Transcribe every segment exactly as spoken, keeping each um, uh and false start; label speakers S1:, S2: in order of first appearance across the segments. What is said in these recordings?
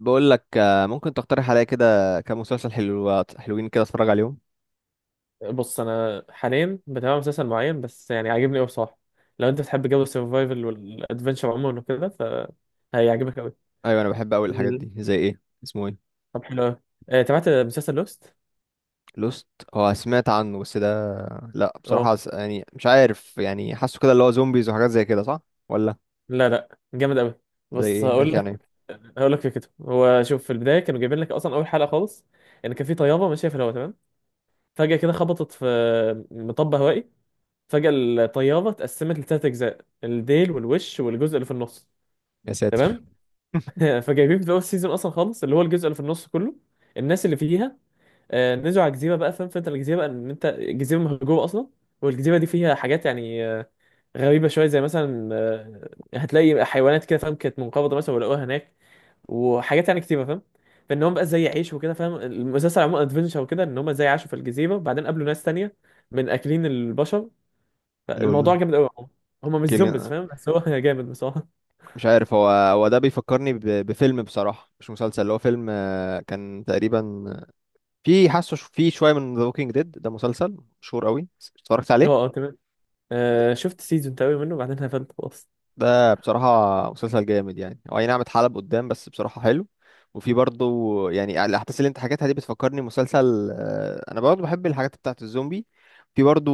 S1: بقول لك، آه، ممكن تقترح عليا كده كام مسلسل حلو حلوين كده اتفرج عليهم؟
S2: بص، انا حاليا بتابع مسلسل معين، بس يعني عاجبني قوي بصراحه. لو انت بتحب جو السرفايفل والادفنشر عموما وكده، ف هيعجبك قوي.
S1: ايوه، انا بحب قوي الحاجات
S2: مم.
S1: دي. زي ايه؟ اسمه ايه؟
S2: طب حلو قوي. آه، تابعت مسلسل لوست.
S1: لوست؟ هو سمعت عنه بس ده... لا بصراحة،
S2: اه،
S1: س- يعني مش عارف، يعني حاسه كده اللي هو زومبيز وحاجات زي كده، صح ولا؟
S2: لا لا جامد قوي.
S1: زي
S2: بص
S1: ايه؟
S2: هقول
S1: بيحكي عن
S2: لك.
S1: ايه؟
S2: هقول لك فكرته. هو شوف، في البدايه كانوا جايبين لك اصلا اول حلقه خالص، ان كان في طياره ماشيه في الهواء، تمام؟ فجاه كده خبطت في مطب هوائي. فجاه الطياره اتقسمت لثلاث اجزاء: الديل والوش والجزء اللي في النص.
S1: يا ساتر.
S2: تمام. فجايبين في اول سيزون اصلا خالص اللي هو الجزء اللي في النص كله، الناس اللي فيها آه، نزلوا على الجزيره بقى، فاهم؟ فانت الجزيره بقى ان انت الجزيره مهجوره اصلا، والجزيره دي فيها حاجات يعني آه، غريبه شويه، زي مثلا آه، هتلاقي حيوانات كده، فاهم؟ كانت منقرضه مثلا ولقوها هناك، وحاجات يعني كتيره، فاهم؟ فان هم بقى ازاي يعيشوا وكده، فاهم؟ المسلسل عموما ادفنشر وكده، ان هم ازاي عاشوا في الجزيره، وبعدين قابلوا ناس تانية من اكلين البشر. فالموضوع
S1: لول.
S2: جامد قوي. هم مش زومبيز،
S1: كيلي.
S2: فاهم؟ بس هو جامد بصراحه.
S1: مش عارف، هو هو ده بيفكرني ب... بفيلم بصراحة، مش مسلسل، اللي هو فيلم. آه، كان تقريبا آه، في حاسه ش- في شوية من ذا ووكينج ديد. ده مسلسل مشهور قوي، اتفرجت
S2: هو
S1: عليه.
S2: اه تمام. آه، شفت سيزون تقريبا منه وبعدين قفلت خلاص.
S1: ده بصراحة مسلسل جامد، يعني هو اي نعم اتحلب قدام، بس بصراحة حلو. وفي برضه، يعني الأحداث اللي أنت حكيتها دي بتفكرني مسلسل، آه، أنا برضه بحب الحاجات بتاعة الزومبي. في برضه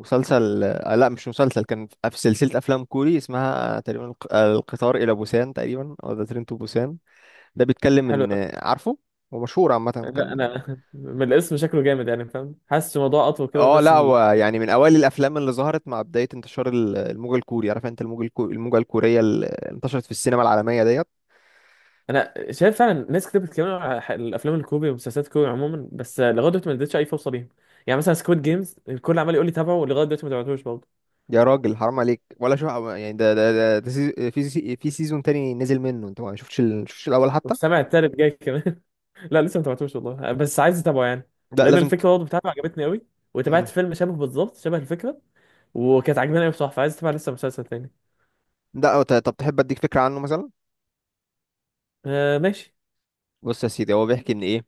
S1: مسلسل، آه، لا مش مسلسل، كان في سلسلة أفلام كوري اسمها تقريبا الق- القطار إلى بوسان، تقريبا، أو ذا ترين تو بوسان. ده بيتكلم
S2: حلو
S1: إن
S2: أوي.
S1: آه، عارفه، هو مشهور عامة
S2: لا
S1: كان.
S2: انا من الاسم شكله جامد يعني، فاهم؟ حاسس الموضوع اطول كده،
S1: اه لا،
S2: ونفس ال...
S1: هو يعني من أوائل الأفلام اللي ظهرت مع بداية انتشار ال- الموجة الكوري. عارف أنت الموجة الكو- الموجة الكورية اللي انتشرت في السينما العالمية ديت.
S2: انا شايف فعلا ناس كتير بتتكلم على ح- الافلام الكوري ومسلسلات الكوري عموما، بس لغايه دلوقتي ما اديتش اي فرصه ليهم. يعني مثلا سكويد جيمز الكل عمال يقول لي تابعه، ولغايه دلوقتي ما تابعتوش برضه.
S1: يا راجل، حرام عليك! ولا شو يعني؟ ده ده ده, ده سيز- في سي- في سيزون تاني نزل منه، انت ما شفتش ال... شفتش الاول حتى؟
S2: والسامع التالت جاي كمان. لا لسه ما تابعتوش والله، بس عايز اتابعه يعني،
S1: لا،
S2: لان
S1: لازم ت...
S2: الفكره برضه بتاعته عجبتني قوي. وتابعت
S1: مم.
S2: فيلم شبه بالظبط شبه الفكره، وكانت عجباني قوي بصراحه، فعايز اتابع لسه مسلسل تاني.
S1: لا، ت- طب تحب اديك فكره عنه مثلا؟
S2: آه ماشي.
S1: بص يا سيدي، هو بيحكي ان ايه،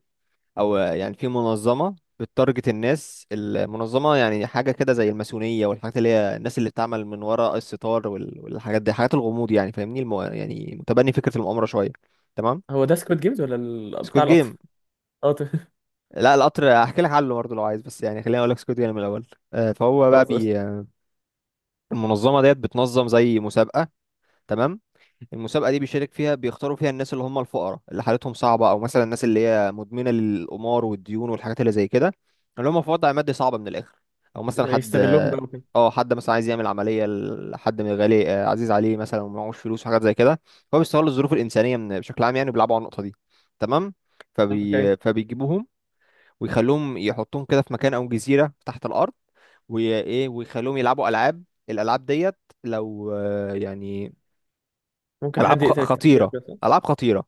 S1: او يعني في منظمه بتارجت الناس. المنظمه يعني حاجه كده زي الماسونيه، والحاجات اللي هي الناس اللي بتعمل من وراء الستار وال... والحاجات دي، حاجات الغموض، يعني فاهمني المو... يعني متبني فكره المؤامره شويه. تمام.
S2: هو ده سكويد جيمز ولا ال...
S1: سكوت
S2: بتاع القطر؟
S1: جيم.
S2: قطر.
S1: لا، القطر هحكي لك عنه برضه لو عايز، بس يعني خليني اقول لك سكوت جيم الاول. آه، فهو بقى
S2: خلاص قشطة.
S1: بي المنظمة ديت بتنظم زي مسابقة. تمام. المسابقة دي بيشارك فيها، بيختاروا فيها الناس اللي هم الفقراء اللي حالتهم صعبة، أو مثلا الناس اللي هي مدمنة للقمار والديون والحاجات اللي زي كده، اللي هم في وضع مادي صعب من الآخر. أو مثلا حد...
S2: يستغلوهم بقى وكده.
S1: اه، حد مثلا عايز يعمل عملية لحد من غالي، آه، عزيز عليه مثلا، ومعهوش فلوس وحاجات زي كده. هو بيستغل الظروف الإنسانية من بشكل عام، يعني بيلعبوا على النقطة دي. تمام.
S2: اوكي.
S1: فبي... فبيجيبوهم ويخلوهم، يحطوهم كده في مكان أو جزيرة تحت الأرض، وايه، ويخلوهم يلعبوا العاب. الالعاب ديت لو آه، يعني
S2: ممكن حد
S1: العاب خ-
S2: يقتل التاني كده
S1: خطيره،
S2: بس.
S1: العاب خطيره،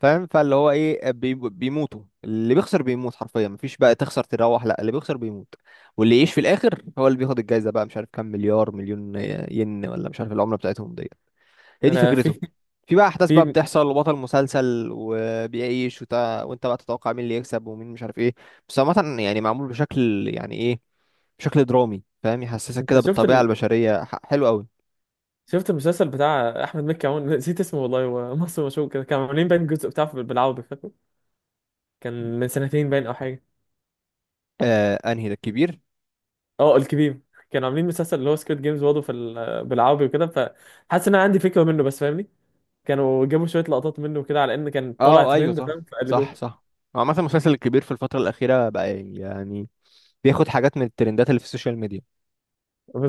S1: فاهم، فاللي هو ايه، بي- بيموتوا. اللي بيخسر بيموت حرفيا، مفيش بقى تخسر تروح، لا، اللي بيخسر بيموت. واللي يعيش في الاخر هو اللي بياخد الجايزه بقى، مش عارف كام مليار مليون ين، ولا مش عارف العمله بتاعتهم دي. هي دي
S2: انا
S1: فكرته.
S2: في.
S1: في بقى احداث بقى
S2: في.
S1: بتحصل، وبطل مسلسل وبيعيش، وت... وانت بقى تتوقع مين اللي يكسب، ومين مش عارف ايه. بس عامه يعني معمول بشكل يعني ايه، بشكل درامي، فاهم، يحسسك
S2: انت
S1: كده
S2: شفت
S1: بالطبيعه
S2: ال...
S1: البشريه. ح- حلو قوي.
S2: شفت المسلسل بتاع احمد مكي؟ عون، نسيت اسمه والله، هو مصر مشهور كده، كانوا عاملين باين جزء بتاعه في- بالعربي، فاكره؟ كان من سنتين باين او حاجه.
S1: آه انهي ده؟ الكبير؟
S2: اه الكبير. كانوا عاملين مسلسل اللي هو سكويد جيمز برضه في ال... بالعربي وكده، فحاسس ان انا عندي فكره منه بس، فاهمني؟ كانوا جابوا شويه لقطات منه كده، على ان كان طالع
S1: اه ايوه،
S2: ترند،
S1: صح،
S2: فاهم؟ فقلدوه.
S1: صح، صح. هو عامه المسلسل الكبير في الفتره الاخيره بقى يعني بياخد حاجات من الترندات اللي في السوشيال ميديا.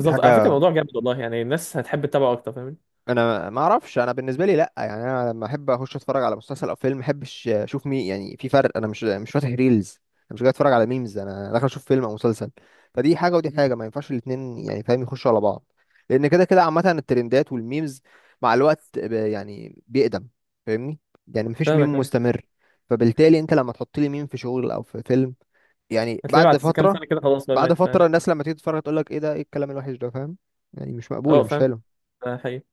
S1: دي
S2: على فكره
S1: حاجه،
S2: الموضوع جامد والله، يعني الناس هتحب تتابعه اكتر، فاهمني؟
S1: انا ما اعرفش، انا بالنسبه لي لا، يعني انا لما احب اخش اتفرج على مسلسل او فيلم ما احبش اشوف مين، يعني في فرق. انا مش مش فاتح ريلز، انا مش جاي اتفرج على ميمز، انا داخل اشوف فيلم او مسلسل. فدي حاجه ودي حاجه، ما ينفعش الاتنين يعني فاهم، يخشوا على بعض. لان كده كده عامه الترندات والميمز مع الوقت ب- يعني بيقدم فاهمني، يعني مفيش
S2: فاهمك
S1: ميم
S2: أيوة.
S1: مستمر. فبالتالي انت لما تحط لي ميم في شغل او في فيلم، يعني
S2: هتلاقيه
S1: بعد
S2: بعد كام
S1: فتره،
S2: سنه كده خلاص بقى
S1: بعد
S2: مات، فاهم؟
S1: فتره الناس لما تيجي تتفرج تقول لك: ايه ده؟ ايه الكلام الوحش ده؟ فاهم، يعني مش مقبوله،
S2: اه
S1: مش
S2: فاهم.
S1: حلو.
S2: ده حقيقي.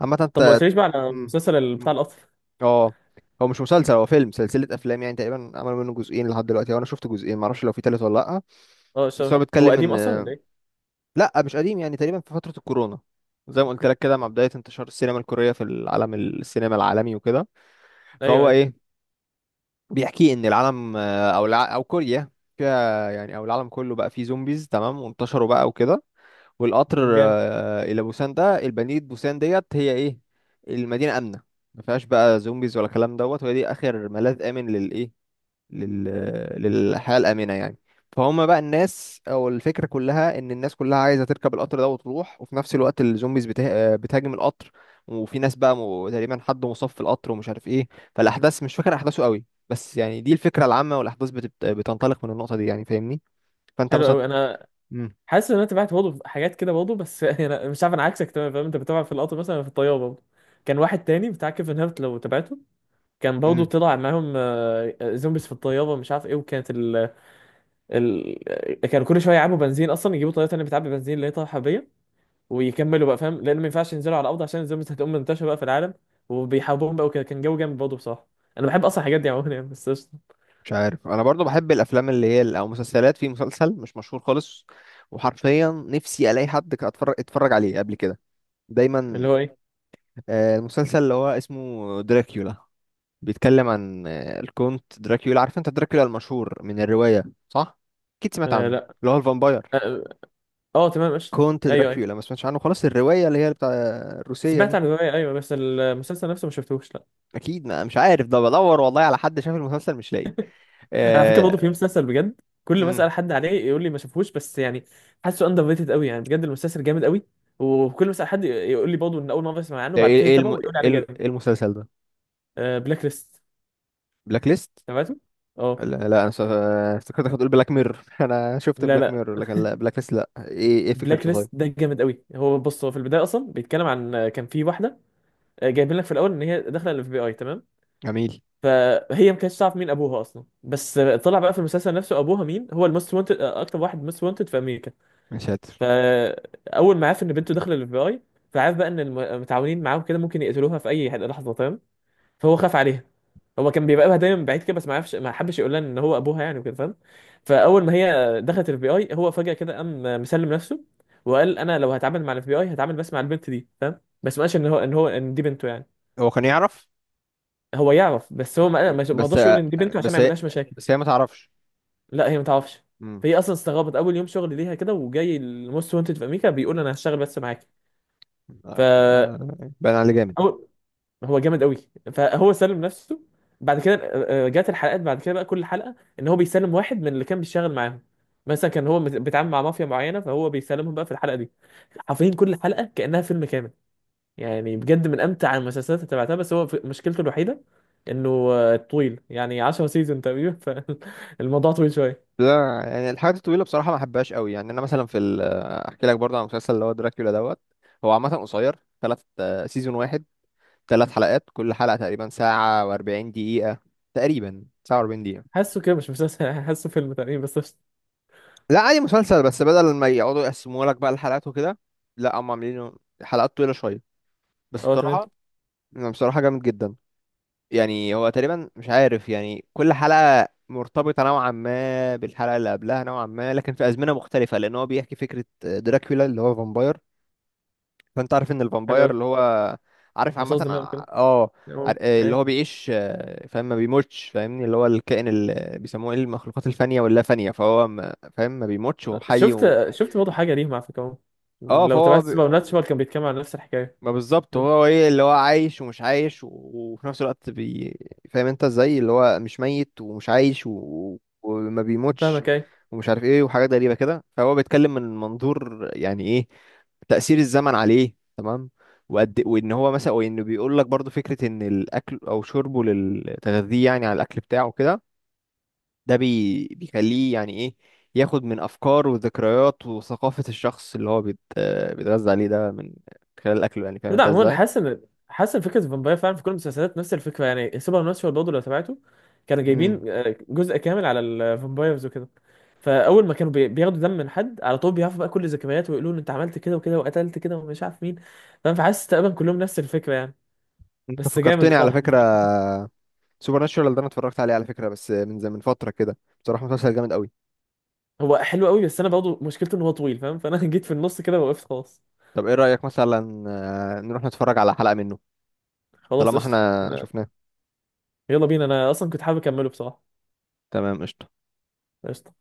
S1: عامة
S2: طب ما
S1: انت...
S2: قلتليش بقى على
S1: مم.
S2: المسلسل بتاع
S1: مم.
S2: القطر.
S1: اه. هو مش مسلسل، هو فيلم، سلسلة أفلام، يعني تقريبا عملوا منه جزئين لحد دلوقتي، وأنا شفت جزئين، معرفش لو في تالت ولا لأ.
S2: اه
S1: بس
S2: الشبه،
S1: هو
S2: هو
S1: بيتكلم
S2: قديم
S1: إن...
S2: اصلا ولا ايه؟
S1: لأ مش قديم، يعني تقريبا في فترة الكورونا، زي ما قلت لك كده مع بداية انتشار السينما الكورية في العالم، السينما العالمي وكده.
S2: ايوه
S1: فهو
S2: ايوه.
S1: إيه، بيحكي إن العالم، آه، أو الع... أو كوريا، فيها يعني، أو العالم كله بقى فيه زومبيز، تمام، وانتشروا بقى وكده. والقطر
S2: جامد.
S1: آه، الى بوسان ده، البنية، بوسان ديت هي ايه؟ المدينة آمنة، ما فيهاش بقى زومبيز ولا كلام دوت، وهي دي اخر ملاذ آمن للايه، لل... للحياة الآمنة يعني. فهم بقى الناس، او الفكرة كلها ان الناس كلها عايزة تركب القطر ده وتروح، وفي نفس الوقت الزومبيز بته... آه، بتهاجم القطر. وفي ناس بقى م... تقريبا حد مصاب في القطر، ومش عارف ايه. فالأحداث، مش فاكر أحداثه قوي، بس يعني دي الفكرة العامة، والأحداث بتبت... بتنطلق من النقطة دي يعني فاهمني. فأنت
S2: حلو
S1: مثلا...
S2: قوي. انا
S1: مم.
S2: حاسس ان انا تابعت برضه حاجات كده برضه بس، انا مش عارف، انا عكسك تمام، فاهم؟ انت بتابع في القطر مثلا، أنا في الطياره برضه. كان واحد تاني بتاع كيفن هارت، لو تابعته، كان برضه
S1: مم.
S2: طلع معاهم آه، زومبيز في الطياره، مش عارف ايه، وكانت ال... ال... كانوا كل شويه يعبوا بنزين اصلا، يجيبوا طياره تانيه بتعبي بنزين اللي هي طياره حربيه، ويكملوا بقى، فاهم؟ لان ما ينفعش ينزلوا على الارض عشان الزومبيز هتقوم منتشره بقى في العالم، وبيحاربوهم بقى وكده. كان جو جامد برضه بصراحه. انا بحب اصلا الحاجات دي عموما يعني بس.
S1: مش عارف، انا برضو بحب الافلام اللي هي ال- او مسلسلات. في مسلسل مش مشهور خالص، وحرفيا نفسي الاقي حد كان اتفرج اتفرج عليه قبل كده، دايما.
S2: اللي هو ايه؟
S1: آه، المسلسل اللي هو اسمه دراكيولا، بيتكلم عن آه، الكونت دراكيولا. عارف انت دراكيولا المشهور من الرواية، صح؟ اكيد سمعت
S2: آه
S1: عنه،
S2: لا.
S1: اللي هو الفامباير.
S2: اه، آه. آه، تمام قشطة.
S1: كونت
S2: ايوه ايوه.
S1: دراكيولا، ما سمعتش عنه خلاص، الرواية اللي هي بتاع الروسية
S2: سمعت
S1: دي.
S2: عن الرواية ايوه، بس المسلسل نفسه ما شفتهوش لا.
S1: اكيد. ما مش عارف، ده بدور والله على حد شاف المسلسل مش لاقي.
S2: انا على فكرة
S1: آه،
S2: برضه في مسلسل بجد كل ما اسال
S1: امم
S2: حد عليه يقول لي ما شافهوش، بس يعني حاسه اندر ريتد قوي يعني، بجد المسلسل جامد قوي. وكل ما اسال حد يقول لي برضه ان اول مرة اسمع عنه،
S1: ده
S2: بعد
S1: ايه؟
S2: كده
S1: ايه
S2: يتابعه
S1: الم...
S2: ويقول لي
S1: ايه
S2: عليه
S1: ال-
S2: جامد.
S1: إيه المسلسل ده؟
S2: آه بلاك ليست.
S1: بلاك ليست.
S2: تابعته؟ اه.
S1: لا, لا، انا س- افتكرتك هتقول بلاك ميرور. انا شفت
S2: لا
S1: بلاك
S2: لا.
S1: ميرور لكن لا، بلاك ليست لا، ايه ايه
S2: بلاك
S1: فكرته طيب؟
S2: ليست ده جامد قوي. هو بص، هو في البدايه اصلا بيتكلم عن آه، كان في واحده، آه، جايبين لك في الاول ان هي داخله الاف بي اي، تمام؟
S1: جميل.
S2: فهي ما كانتش تعرف مين ابوها اصلا، بس طلع بقى في المسلسل نفسه ابوها مين. هو الموست وانتد، اكتر واحد موست وانتد في امريكا.
S1: يا ساتر.
S2: فاول ما عرف ان بنته داخله الاف بي اي، فعرف بقى ان المتعاونين معاهم كده ممكن يقتلوها في اي لحظه، فاهم؟ فهو خاف عليها. هو كان بيراقبها دايما من بعيد كده، بس ما عرفش، ما حبش يقول لها ان هو ابوها يعني وكده، فاهم؟ فاول ما هي دخلت الاف بي اي، هو فجاه كده قام مسلم نفسه، وقال انا لو هتعامل مع الاف بي اي هتعامل بس مع البنت دي، فاهم؟ بس ما قالش ان هو ان هو ان دي بنته يعني.
S1: هو كان يعرف،
S2: هو يعرف بس هو ما ما ما
S1: بس
S2: رضاش يقول ان دي بنته عشان
S1: بس
S2: ما
S1: هي
S2: يعملهاش مشاكل.
S1: بس هي ما تعرفش.
S2: لا هي ما تعرفش.
S1: امم
S2: فهي اصلا استغربت اول يوم شغل ليها كده، وجاي الموست وانتد في امريكا بيقول انا هشتغل بس معاك. ف
S1: آه، آه، باين عليه جامد.
S2: أو- هو جامد قوي. فهو سلم نفسه. بعد كده آه، آه، جات الحلقات بعد كده بقى، كل حلقه ان هو بيسلم واحد من اللي كان بيشتغل معاهم. مثلا كان هو مت- بيتعامل مع مافيا معينه، فهو بيسلمهم بقى في الحلقه دي. حرفيا كل حلقه كانها فيلم كامل. يعني بجد من امتع المسلسلات اللي تابعتها، بس هو في- مشكلته الوحيده انه آه، طويل يعني، عشر سيزون تقريبا، فالموضوع طويل شويه.
S1: لا يعني الحاجات الطويله بصراحه ما بحبهاش قوي، يعني انا مثلا في ال- احكي لك برضه عن المسلسل اللي هو دراكولا دوت. هو عامه قصير، ثلاث سيزون واحد، ثلاث حلقات، كل حلقه تقريبا ساعه و40 دقيقه، تقريبا ساعه و40 دقيقه.
S2: حاسه كده مش مسلسل، حاسه فيلم تقريبا بس، قشطة.
S1: لا عادي مسلسل، بس بدل ما يقعدوا يقسموا لك بقى الحلقات وكده، لا هم عاملينه حلقات طويلة شوية، بس
S2: اه تمام.
S1: بصراحة أنا بصراحة جامد جدا. يعني هو تقريبا مش عارف يعني، كل حلقة مرتبطة نوعا ما بالحلقة اللي قبلها نوعا ما، لكن في أزمنة مختلفة، لأن هو بيحكي فكرة دراكولا اللي هو فامباير. فأنت عارف إن
S2: حلو
S1: الفامباير
S2: قوي.
S1: اللي هو، عارف عامة،
S2: مصاص دماء كده.
S1: اه، عار-
S2: المهم،
S1: اللي
S2: ايوه.
S1: هو بيعيش، آه، فاهم ما بيموتش، فاهمني، اللي هو الكائن اللي بيسموه ايه، المخلوقات الفانية واللا فانية، فهو ما- فاهم ما بيموتش وهو حي و...
S2: شفت، شفت برضه حاجه ليهم على فكره،
S1: اه،
S2: لو
S1: فهو
S2: تابعت سوبر ناتشورال، كان بيتكلم عن نفس الحكايه.
S1: ما بالظبط، هو ايه، اللي هو عايش ومش عايش و- وفي نفس الوقت بي... فاهم انت ازاي، اللي هو مش ميت ومش عايش و... وما بيموتش،
S2: فاهمك ايه.
S1: ومش عارف ايه، وحاجات غريبة كده. فهو بيتكلم من منظور يعني ايه، تأثير الزمن عليه، تمام. وقد إيه، وان هو مثلا وانه بيقول لك برضو فكرة ان الاكل او شربه للتغذية، يعني على الاكل بتاعه كده، ده بي... بيخليه يعني ايه، ياخد من افكار وذكريات وثقافة الشخص اللي هو بيت... آه، بيتغذى عليه، ده من خلال الاكل، يعني فاهم
S2: لا
S1: انت
S2: عموما
S1: ازاي.
S2: حاسس ان، حاسس ان فكره الفامباير فعلا في كل المسلسلات نفس الفكره، يعني سوبر ناتشورال برضه لو تابعته، كانوا جايبين
S1: امم
S2: آه، جزء كامل على الفامبايرز وكده. فاول ما كانوا بي- بياخدوا دم من حد على طول، بيعرفوا بقى كل ذكرياته، ويقولوا له انت عملت كده وكده وقتلت كده ومش عارف مين، فاهم؟ فحاسس تقريبا كلهم نفس الفكره يعني،
S1: انت
S2: بس جامد،
S1: فكرتني على
S2: صح؟
S1: فكره، سوبر ناتشورال ده انا اتفرجت عليه على فكره، بس من زمان، من فتره كده. بصراحه مسلسل جامد قوي.
S2: هو حلو قوي، بس انا برضه مشكلته ان هو طويل، فاهم؟ فانا جيت في النص كده وقفت خلاص.
S1: طب ايه رايك مثلا، آه، نروح نتفرج على حلقه منه؟
S2: خلاص
S1: طالما
S2: قشطه.
S1: احنا شفناه.
S2: يلا بينا، انا اصلا كنت حابب اكمله بصراحه.
S1: تمام قشطه.
S2: قشطه.